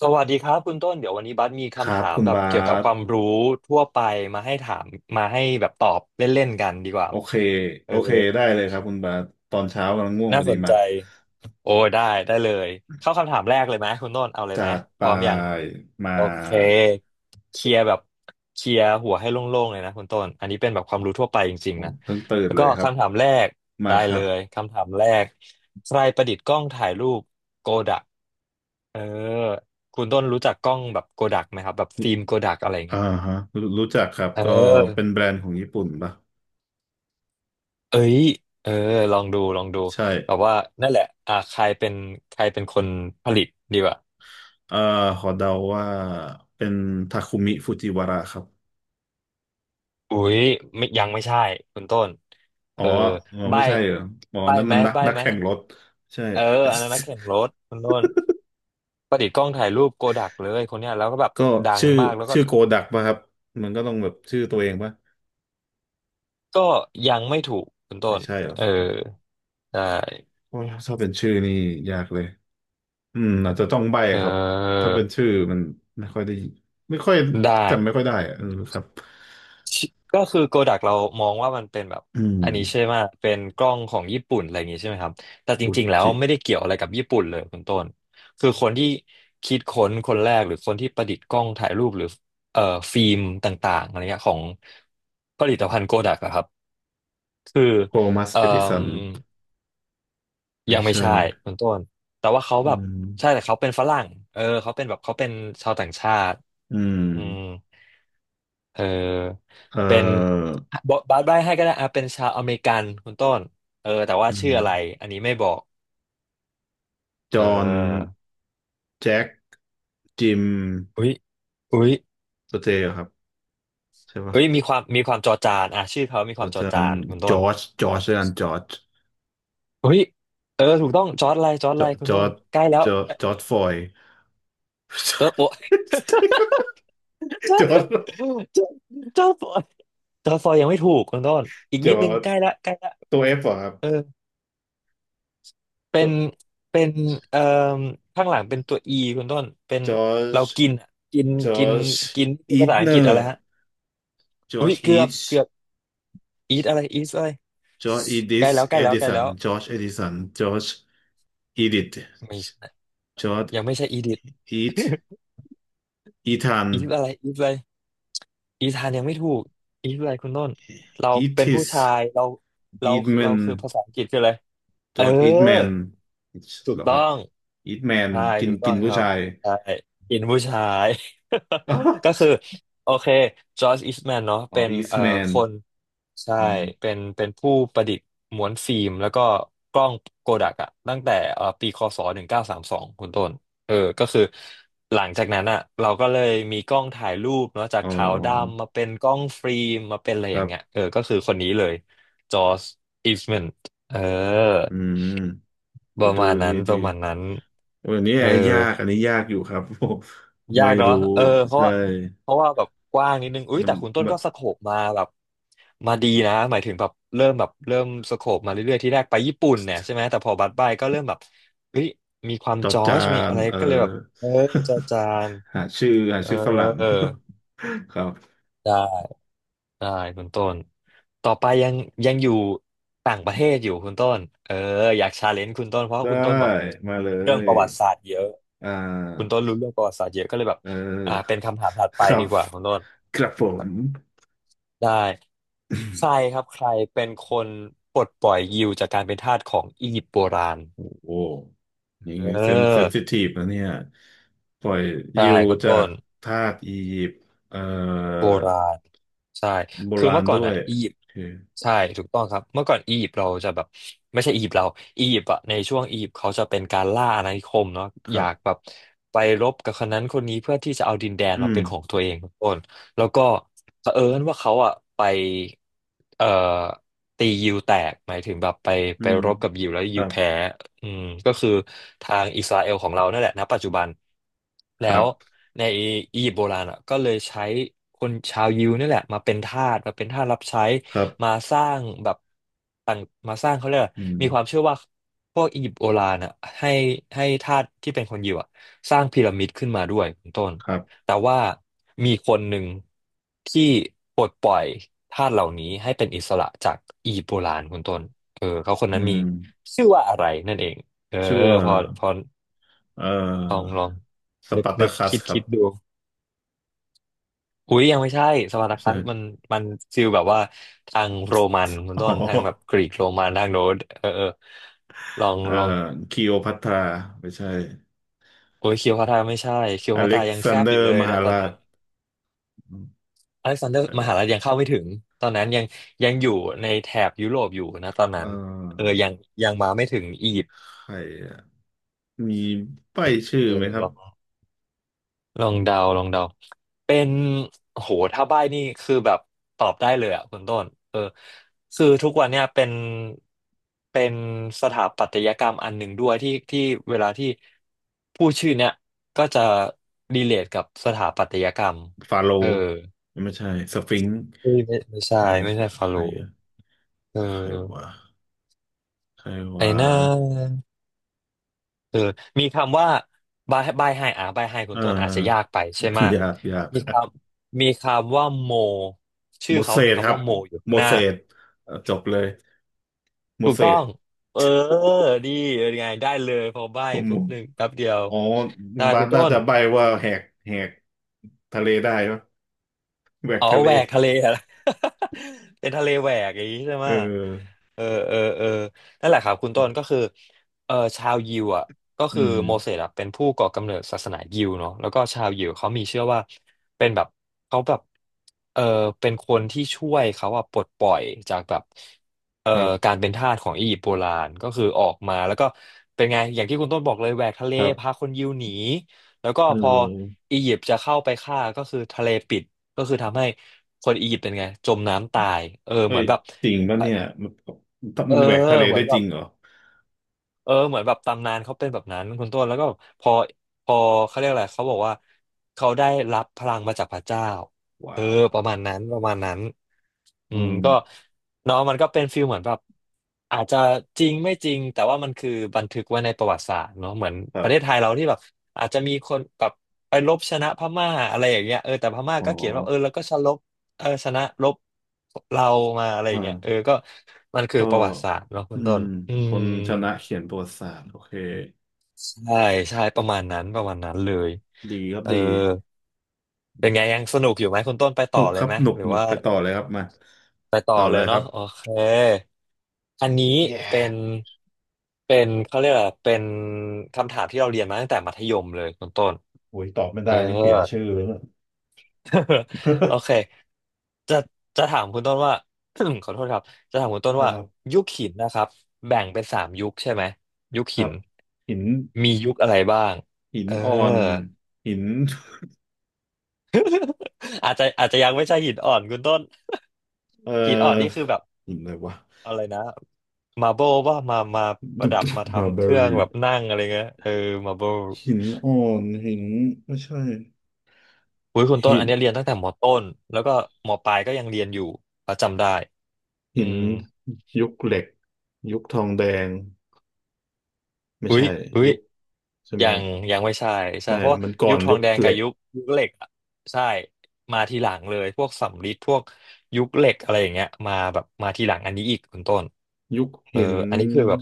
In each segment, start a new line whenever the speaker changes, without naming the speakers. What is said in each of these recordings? สวัสดีครับคุณต้นเดี๋ยววันนี้บัสมี
ครั
คำ
บ
ถาม
คุณ
แบบ
บา
เกี่ยวกับ
ส
ความรู้ทั่วไปมาให้ถามมาให้แบบตอบเล่นๆกันดีกว่า
โอเค
เอ
โอ
อ
เคได้เลยครับคุณบาสตอนเช้ากำลังง่วงพ
น่า
อดี
สน
มา
ใจโอ้ได้ได้เลยเข้าคำถามแรกเลยไหมคุณต้นเอาเลยไหม
จาก
พ
ไป
ร้อมยัง
มา
โอเคเคลียร์แบบเคลียร์หัวให้โล่งๆเลยนะคุณต้นอันนี้เป็นแบบความรู้ทั่วไปจริ
ผ
งๆ
ม
นะ
เพิ่งตื่น
แล้ว
เล
ก็
ยครับ
คำถามแรก
มา
ได้
ค
เล
รับ
ยคำถามแรกใครประดิษฐ์กล้องถ่ายรูปโกดักเออคุณต้นรู้จักกล้องแบบโกดักไหมครับแบบฟิล์มโกดักอะไร
อ่า
เงี้ย
ฮะรู้รู้จักครับ
เ
ก็เป็น
ออ
แบรนด์ของญี่ปุ่นปะ
เอ้ยเออลองดูลองดู
ใช่
แบบว่านั่นแหละใครเป็นใครเป็นคนผลิตดีกว่า
เอ่อขอเดาว่าเป็นทาคุมิฟูจิวาระครับ
อุ๊ยไม่ยังไม่ใช่คุณต้น
อ๋
เอ
อ
อ
อ๋อ
ใบ
ไม่ใช่เหรออ๋อ
ใบ
นั่น
ไหม
มันนัก
ใบ
นัก
ไหม
แข่งรถใช่
เอออันนั้นนักแข่งรถคุณต้นประดิษฐ์กล้องถ่ายรูปโกดักเลยคนเนี้ยแล้วก็แบบ
ก็
ดัง
ชื่อ
มากแล้วก็
ชื่อโกดักป่ะครับมันก็ต้องแบบชื่อตัวเองป่ะ
ก็ยังไม่ถูกคุณต้
ไม่
น
ใช่เหรอ
เออได้
โอ้ยถ้าเป็นชื่อนี่ยากเลย อืมอาจจะต้องใบ้
เอ
ครับ
อ
ถ้าเป็นชื่อมันไม่ค่อยได้ไม่ค่อย
ได้
จำไม่ค่อยได้อะเออครับ
ชิก็คือโกดักเรามองว่ามันเป็นแบบ
อืม
อันนี้ใช่ไหมเป็นกล้องของญี่ปุ่นอะไรอย่างงี้ใช่ไหมครับแต่จ
อุ
ริงๆแล้ว
จิ
ไม่ได้เกี่ยวอะไรกับญี่ปุ่นเลยคุณต้นคือคนที่คิดค้นคนแรกหรือคนที่ประดิษฐ์กล้องถ่ายรูปหรือเอ่อฟิล์มต่างๆอะไรเงี้ยของผลิตภัณฑ์โกดักอะครับคือ
โทมัส
เอ่
เอดิสั
ม
นไม่
ยังไม่
ใช่
ใช่คุณต้นแต่ว่าเขา
อื
แบบใช่
ม
แต่เขาเป็นฝรั่งเออเขาเป็นแบบเขาเป็นชาวต่างชาติ
อืม
อืม เออ
เอ่
เป็น
อ
บอบาสใบ้ให้ก็ได้อ่ะเป็นชาวอเมริกันคุณต้นเออแต่ว่า
อื
ชื่อ
ม
อะไรอันนี้ไม่บอก
จ
เ
อห์น
ออ
แจ็คจิม
อุ้ยอุ้ย
สเตย์ครับใช่ปะ
อุ้ยมีความมีความจอจานอ่ะชื่อเขามีควา
อา
มจอ
จาร
จา
ย์
นคุณ
จ
ต้น
อร์จจอร์จอาจารย์จอร์จ
อุ้ยเออถูกต้องจอร์จอะไรจอร์ด
จ
อะ
อ
ไรคุณ
จอ
ต้น
ร์จ
ใกล้แล้ว
จอร์จจอร์จฟลอยด์จ
จ
อ
อ
ร์
ร์จโปะ
จ
จอ
จ
ร์
อร
จจอร์จจอร์จโปจอร์ดฟอยยังไม่ถูกคุณต้น
์
อีก
จ
นิดนึงใกล้ละใกล้ละ
ตัวเอฟเหรอครับ
เออ เป็
ตัว
นเป็นเอ่อข้างหลังเป็นตัวอีคุณต้นเป็น
จอร์จ
เรากินอะกิน
จอ
กิน
ร์จ
กินคือ
อี
ภา
ท
ษาอั
เน
งกฤ
อ
ษอะไร
ร์
ฮะ
จอ
อุ้
ร์
ย
จ
เกื
อี
อบ
ท
เกือบ eat อะไร eat อะไร
จอร์จอีดิ
ใกล้
ส
แล้วใก
เอ
ล้แล้ว
ดิ
ใกล้
สั
แล้
น
ว
จอร์จเอดิสันจอร์จอีดิท
ไม่ใช่
จอร์จ
ยังไม่ใช่ edit eat
อีทอีธา
อะ
น
ไร eat อะไรอีธานยังไม่ถูกอีทอะไรคุณต้นเรา
อี
เป็น
ทิ
ผู้
ส
ชายเรา
อี
เรา
ทแม
เรา
น
คือภาษาอังกฤษคืออะไร
จ
เออ
อร์จอีทแมน
ถู
เห
ก
รอค
ต้อ
รับ
ง
อีทแมน
ใช่
กิน
ถูกต้
กิ
อง
น
ค
ผู้
รับ
ชาย
ใช่อินผู้ชาย
อ๋อ
ก็คือโอเคจอร์จอิชแมนเนาะ
อ๋อ
เป็น
อีทแม
ค
น
นใช่เป็นเป็นผู้ประดิษฐ์ม้วนฟิล์มแล้วก็กล้องโกดักอะตั้งแต่ปีค.ศ. 1932คุณต้นเออก็คือหลังจากนั้นอะเราก็เลยมีกล้องถ่ายรูปเนาะจาก
อ๋อ
ขาวดำมาเป็นกล้องฟิล์มมาเป็นอะไร
ค
อ
รั
ย่างเงี้ย
บ
เออก็คือคนนี้เลยจอร์จอิชแมนเออ
อืม
ประ
ดู
มาณ
ดี
นั้นป
ดี
ระมาณนั้น
วันนี้แอ
เอ
ร์
อ
ยากอันนี้ยากอยู่ครับ
ยา
ไม่
กเนาะ
รู้
เออเพราะ
ใช่
ว่าเพราะว่าแบบกว้างนิดนึงอุ้ย
มัน
แต่คุณต้น
แบบ
ก็สโคปมาแบบมาดีนะ หมายถึงแบบเริ่มแบบเริ่มสโคปมาเรื่อยๆที่แรกไปญี่ปุ่นเนี่ยใช่ไหมแต่พอบัดบายก็เริ่มแบบเฮ้ยมีความ
จอ
จอร์
จา
จมี
น
อะไร
เออ
ก็เลยแบบเออจอจาน
หาชื่อหา
เอ
ชื่อฝรั่ง ครับ
อ ได้คุณต้นต่อไปยังยังอยู่ต่างประเทศอยู่คุณต้นเอออยากชาเลนจ์คุณต้นเพราะว่า
ได้
คุณต้นแบบ
มาเล
เรื่อง
ย
ประวัติศาสตร์เยอะ
อ่
คุณ
า
ต้นรู้เรื่องประวัติศาสตร์เยอะก็เลยแบบ
เ
เป็
อ
น
อ
คำถามถัดไป
ครั
ดี
บ
กว่าคุณต้น
ครับผม
ได้ใครค รับใครเป็นคนปลดปล่อยยิวจากการเป็นทาสของอียิปต์โบราณ
โอ้โหนี่
เอ
เซนเซ
อ
นซิทีฟนะเนี่ยปล่อย
ใช่
ยิว
คุณ
จา
ต้
ก
น
ทาสอียิปต์เอ่อ
โบราณใช่
โบ
คือ
ราณ
เมื่อก่อ
ด้
น
ว
อ่ะ
ย
อียิป
โอ
ต์
เค
ใช่ถูกต้องครับเมื่อก่อนอียิปต์เราจะแบบไม่ใช่อียิปต์เราอียิปต์อะในช่วงอียิปต์เขาจะเป็นการล่าอาณานิคมเนาะ
ค
อ
รั
ยากแบ
บ
บไปรบกับคนนั้นคนนี้เพื่อที่จะเอาดินแดน
อื
มา
ม
เป็นของตัวเองทุกคน แล้วก็เผอิญว่าเขาอ่ะไปเอ่อตียิวแตกหมายถึงแบบไป
อื
ไป
ม
รบกับยิวแล้ว
ค
ยิ
รั
ว
บ
แพ้อืมก็คือทางอิสราเอลของเรานั่นแหละณปัจจุบัน
ค
แล้
รั
ว
บ
ในอียิปต์โบราณอ่ะก็เลยใช้คนชาวยิวนี่แหละมาเป็นทาสมาเป็นทาสรับใช้
ครับ
มาสร้างแบบต่างมาสร้างเขาเรียกอะไร
อืม
มีความเชื่อว่าพวกอียิปต์โบราณอ่ะให้ให้ทาสที่เป็นคนยิวอ่ะสร้างพีระมิดขึ้นมาด้วยคุณต้น
ครับ
แต่ว่ามีคนหนึ่งที่ปลดปล่อยทาสเหล่านี้ให้เป็นอิสระจากอียิปต์โบราณคุณต้นเออเขาคน
อื
นั้นมี
ม
ชื่อว่าอะไรนั่นเองเออ
ชื่อว่า
พอ
เอ่
ลอง
อ
ลอง
ส
นึก
ปาร์ตา
นึก
คัส
คิด
ครั
คิ
บ
ดดูอุ้ยยังไม่ใช่สปาร์ตา คั
ใช่
สมันฟิลแบบว่าทางโรมันคุณ
อ๋อ
ต้นทางแบบกรีกโรมันทางโน้นเออเออลอง
เอ่อ
ลอง
คลีโอพัทราไม่ใช่
โอ้ยคิวพาตาไม่ใช่คิว
อ
พา
เล็
ตา
ก
ยัง
ซา
แซ
น
บ
เด
อ
อ
ยู่เล
ร์
ย
ม
นะ
หา
ตอน
รา
นั้
ช
น
อืม
อเล็กซานเดอ
ใค
ร์
ร
มหา
วะ
ลัยยังเข้าไม่ถึงตอนนั้นยังอยู่ในแถบยุโรปอยู่นะตอนนั้
เอ่
นเออ
อ
ยังมาไม่ถึงอียิปต์
ใครอะมีป้ายชื่อ
เออ
ไหมครั
ล
บ
องลองเดาเป็นโหถ้าใบ้นี่คือแบบตอบได้เลยอ่ะคุณต้นเออคือทุกวันเนี่ยเป็นสถาปัตยกรรมอันหนึ่งด้วยที่เวลาที่ผู้ชื่อเนี่ยก็จะรีเลทกับสถาปัตยกรรม
ฟาโร
เออ
ห์ไม่ใช่สฟิงค์
ไม่ใช่
ใคร
ไม่ใช่ฟา
ใค
โร
ร
ห์
อะ
เออ
ใครวะใคร
ไอ้
วะ
หนา คือมีคำว่าบายบายไฮอ่ะบายไฮคุ
เอ่
ณ
อ
ต้นอาจจะยากไปใช่ไหมย
ยากยาก
มีคมีคำว่าโมชื่
หม
อ
ด
เขา
เศ
มี
ษค
คำ
รับ
ว่าโมอยู่
ห
ข้า
ม
งห
ด
น้า
เศษจบเลยหม
ถู
ด
ก
เศ
ต้อ
ษ
งเออดีเป็นไงได้เลยพอใบ้
ผม
ปุ๊บหนึ่งแป๊บเดียว
อ๋อ
ได้
มา
คุ
ส
ณต้
น่า
น
จะใบว่าแหกแหกทะเลได้ปะแหวก
อ๋อ
ทะเล
แหวกทะเลอะไร เป็นทะเลแหวกอย่างนี้ใช่ไห
เอ
ม
อ
เออเออเออนั่นแหละครับคุณต้นก็คือเออชาวยิวอ่ะก็
อื
คือ
ม
โมเสสอ่ะเป็นผู้ก่อกำเนิดศาสนายิวเนาะแล้วก็ชาวยิวเขามีเชื่อว่าเป็นแบบเขาแบบเออเป็นคนที่ช่วยเขาอ่ะปลดปล่อยจากแบบเอ่อ
ครั
กา
บ
รเป็นทาสของอียิปต์โบราณก็คือออกมาแล้วก็เป็นไงอย่างที่คุณต้นบอกเลยแหวกทะเล
ครั
พา
บ
คนยิวหนีแล้วก็
เอ
พอ
อ
อียิปต์จะเข้าไปฆ่าก็คือทะเลปิด ก็คือทำให้คนอียิปต์เป็นไงจมน้ำตายเออ
เฮ้
เหมื
ย
อนแบบ
จริงปะเนี่ยมัน
เออ
มันแหวกทะเล
เหมื
ได้
อนแบ
จริ
บ
งเหรอ
เออเหมือนแบบตำนานเขาเป็นแบบนั้นคุณต้นแล้วก็พอพอเขาเรียกอะไรเขาบอกว่าเขาได้รับพลังมาจากพระเจ้าเอ
ว้า
อ
ว
ประมาณนั้นประมาณนั้นอื
อื
มก็
ม
เนาะมันก็เป็นฟีลเหมือนแบบอาจจะจริงไม่จริงแต่ว่ามันคือบันทึกไว้ในประวัติศาสตร์เนาะเหมือน
ค
ป
รั
ระเทศ
บ
ไทยเราที่แบบอาจจะมีคนแบบไปรบชนะพม่าอะไรอย่างเงี้ยเออแต่พม่า
อ๋อ
ก็เขียนว่าเออแล้วก็ชลบเออชนะรบเรามาอะไรอย่างเงี้ยเออ
ฮะ
ก็มันคือ
ก็
ประวัติศาสตร์เนาะคุ
อื
ณต้
ม
นอื
ค
ม
นชนะเขียนประวัติศาสตร์โอเค
ใช่ใช่ประมาณนั้นประมาณนั้นเลย
ดีครับ
เออ
ดี
เป็นไงยังสนุกอยู่ไหมคุณต้นไป
ห
ต่
นุ
อ
ก
เล
ค
ย
รับ
ไหม
หนุก
หรือ
หนุก
ว่า
ไปต่อเลยครับมา
ไปต่อ
ต่อ
เล
เล
ย
ยค
เนาะ
รับ
โอเค อันนี้เป็
yeah
นเป็นเขาเรียกอะไรเป็นคำถามที่เราเรียนมาตั้งแต่มัธยมเลยคุณต้น
อุ้ยตอบไม่
เอ
ได้
อ
นี่เสียชื่อเลยเนี่ย
โอเค จะจะถามคุณต้นว่า ขอโทษครับจะถามคุณต้น
ครั
ว่า
บ
ยุคหินนะครับแบ่งเป็นสามยุคใช่ไหมยุค
ค
หิ
รั
น
บหิน
มียุคอะไรบ้าง
หิน
เออ
อ่อนหิน
อาจจะยังไม่ใช่หินอ่อนคุณต้น
เอ่
หินอ่อนนี่
อ
คือแบบ
หินอะไรวะ
อะไรนะมาโบว่ามาป
ดุ
ระ
ด
ดับมา
มา
ทำ
เบ
เครื่
ล
องแบบนั่งอะไรเงี้ยเออมาโบ
หินอ่อนหินไม่ใช่
อุ้ยคุณต้น
หิ
อั
น
นเนี้ยเรียนตั้งแต่มต้นแล้วก็มปลายก็ยังเรียนอยู่เราจำได้อื
หิน
ม
ยุคเหล็กยุคทองแดงไม่
อุ้ย
ใช่
อุ้ย
ยุคใช่ไหม
ยังยังไม่ใช่ใช่
ไม่
เพราะว่า
มันก่อ
ยุ
น
คทอ
ยุ
ง
ค
แดง
เห
กั
ล็
บ
ก
ยุคเหล็กอะใช่มาทีหลังเลยพวกสำริดพวกยุคเหล็กอะไรอย่างเงี้ยมาแบบมาทีหลังอันนี้อีกคุณต้น
ยุค
เออ
หิน
อันนี้คือแบบ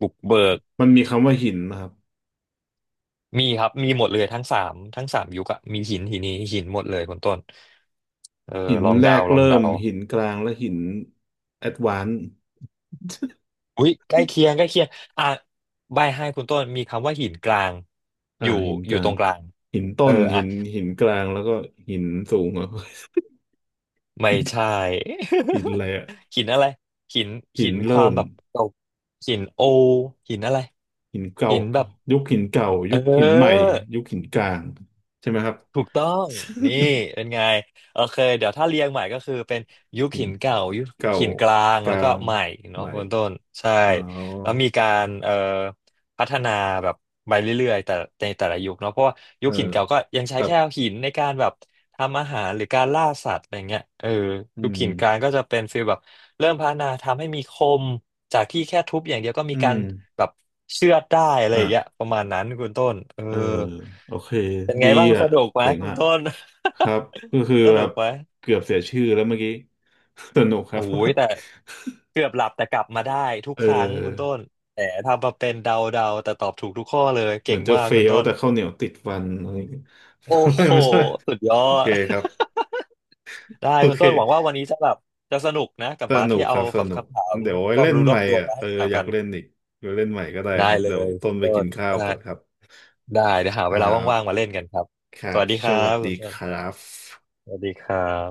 บุกเบิก
มันมีคำว่าหินนะครับ
มีครับ มีหมดเลยทั้งสามยุคอะมีหินหินนี้หินหมดเลยคุณต้นเออ
หิน
ลอง
แร
เดา
ก
ลอง
เริ่ม
เดา
หินกลางและหินแอดวานซ์
อุ้ยใกล้เคียงอ่ะใบให้คุณต้นมีคำว่าหินกลาง
อ่า
อยู่
หิน
อ
ก
ยู่
ลา
ต
ง
รงกลาง
หินต้
เออ
นหิ
อ่ะ
นหินกลางแล้วก็หินสูงอ่ะ
ไม่ใช่
หินอะไรอ่ะ
หินอะไรหิน
หิ
หิ
น
นควา
เริ่
ม
ม
แบบเก่าหินโอหินอะไร
หินเก่า
หินแบบ
ยุคหินเก่ายุ
เอ
คหินใหม่
อ
ยุคหินกลางใช่ไหมครับ
ถูกต้องนี่เป็นไงโอเคเดี๋ยวถ้าเรียงใหม่ก็คือเป็นยุค
หิ
หิ
น
นเก่ายุค
เก่า
หินกลาง
ก
แล้
ลา
วก็
ง
ใหม่
ให
เนาะ
ม่
คุณต้นใช่
อ๋อ
แล้วมีการพัฒนาแบบไปเรื่อยๆแต่ในแต่ละยุคเนาะเพราะว่ายุ
เออ
คหินเก่าก็ยังใช้
ครับ
แค่หินในการแบบทำอาหารหรือการล่าสัตว์อะไรเงี้ยเออ
อื
ยุค
ม
หินกลางก็จะเป็นฟีลแบบ เริ่มพัฒนาทำให้มีคมจากที่แค่ทุบอย่างเดียวก็มี
อื
กา
ม
รแบบเชือดได้อะไร
อ่ะ
อย่างเงี้ยประมาณนั้นคุณต้นเออ
เออโอเค
เป็นไง
ดี
บ้างส
อ่ะ
นุกไหม
เจ๋ง
คุณ
อ่ะ
ต้น
ครับก็คือ
ส
แบ
นุก
บ
ไหม
เกือบเสียชื่อแล้วเมื่อกี้ สนุกครั
โอ้
บ
ยแต่ เกือบหลับแต่กลับมาได้ทุก
เออ
ครั้งคุณต้นแต่ทำมาเป็นเดาแต่ตอบถูกทุกข้อเลย
เหมื
เก่
อ
ง
นจะ
มาก
เฟ
คุณ
ล
ต้น
แต่ข้าวเหนียวติดฟันอะไรอย่างเงี้ย
โอ้
อะไร
โห
ไม่ใช่
สุดยอ
โอเค
ด
ครับ
ได้
โอ
คุณ
เค
ต้นหวังว่าวันนี้จะแบบจะสนุกนะกับ
ส
บาส
นุ
ที่
กค
เอา
รับส
แบบ
นุก
คำถาม
เดี๋ยวไว้
ความ
เล่น
รู้ร
ให
อ
ม่
บตัว
อ่ะ
มา
เอ
ให้
อ
ถาม
อยา
กั
ก
น
เล่นอีกเดี๋ยวเล่นใหม่ก็ได้ค
ได้
รับ
เล
เดี๋ยว
ย
ต้
คุ
น
ณ
ไป
ต้
กิ
น
นข้าว
ได้
ก่อนครับ
ได้เดี๋ยวหา
ค
เว
รั
ลาว่างๆมา
บ
เล่นกันครับ
ครั
ส
บ
วัสดีค
ส
รั
วัส
บ
ดี
คุณต้
ครั
น
บ
สวัสดีครับ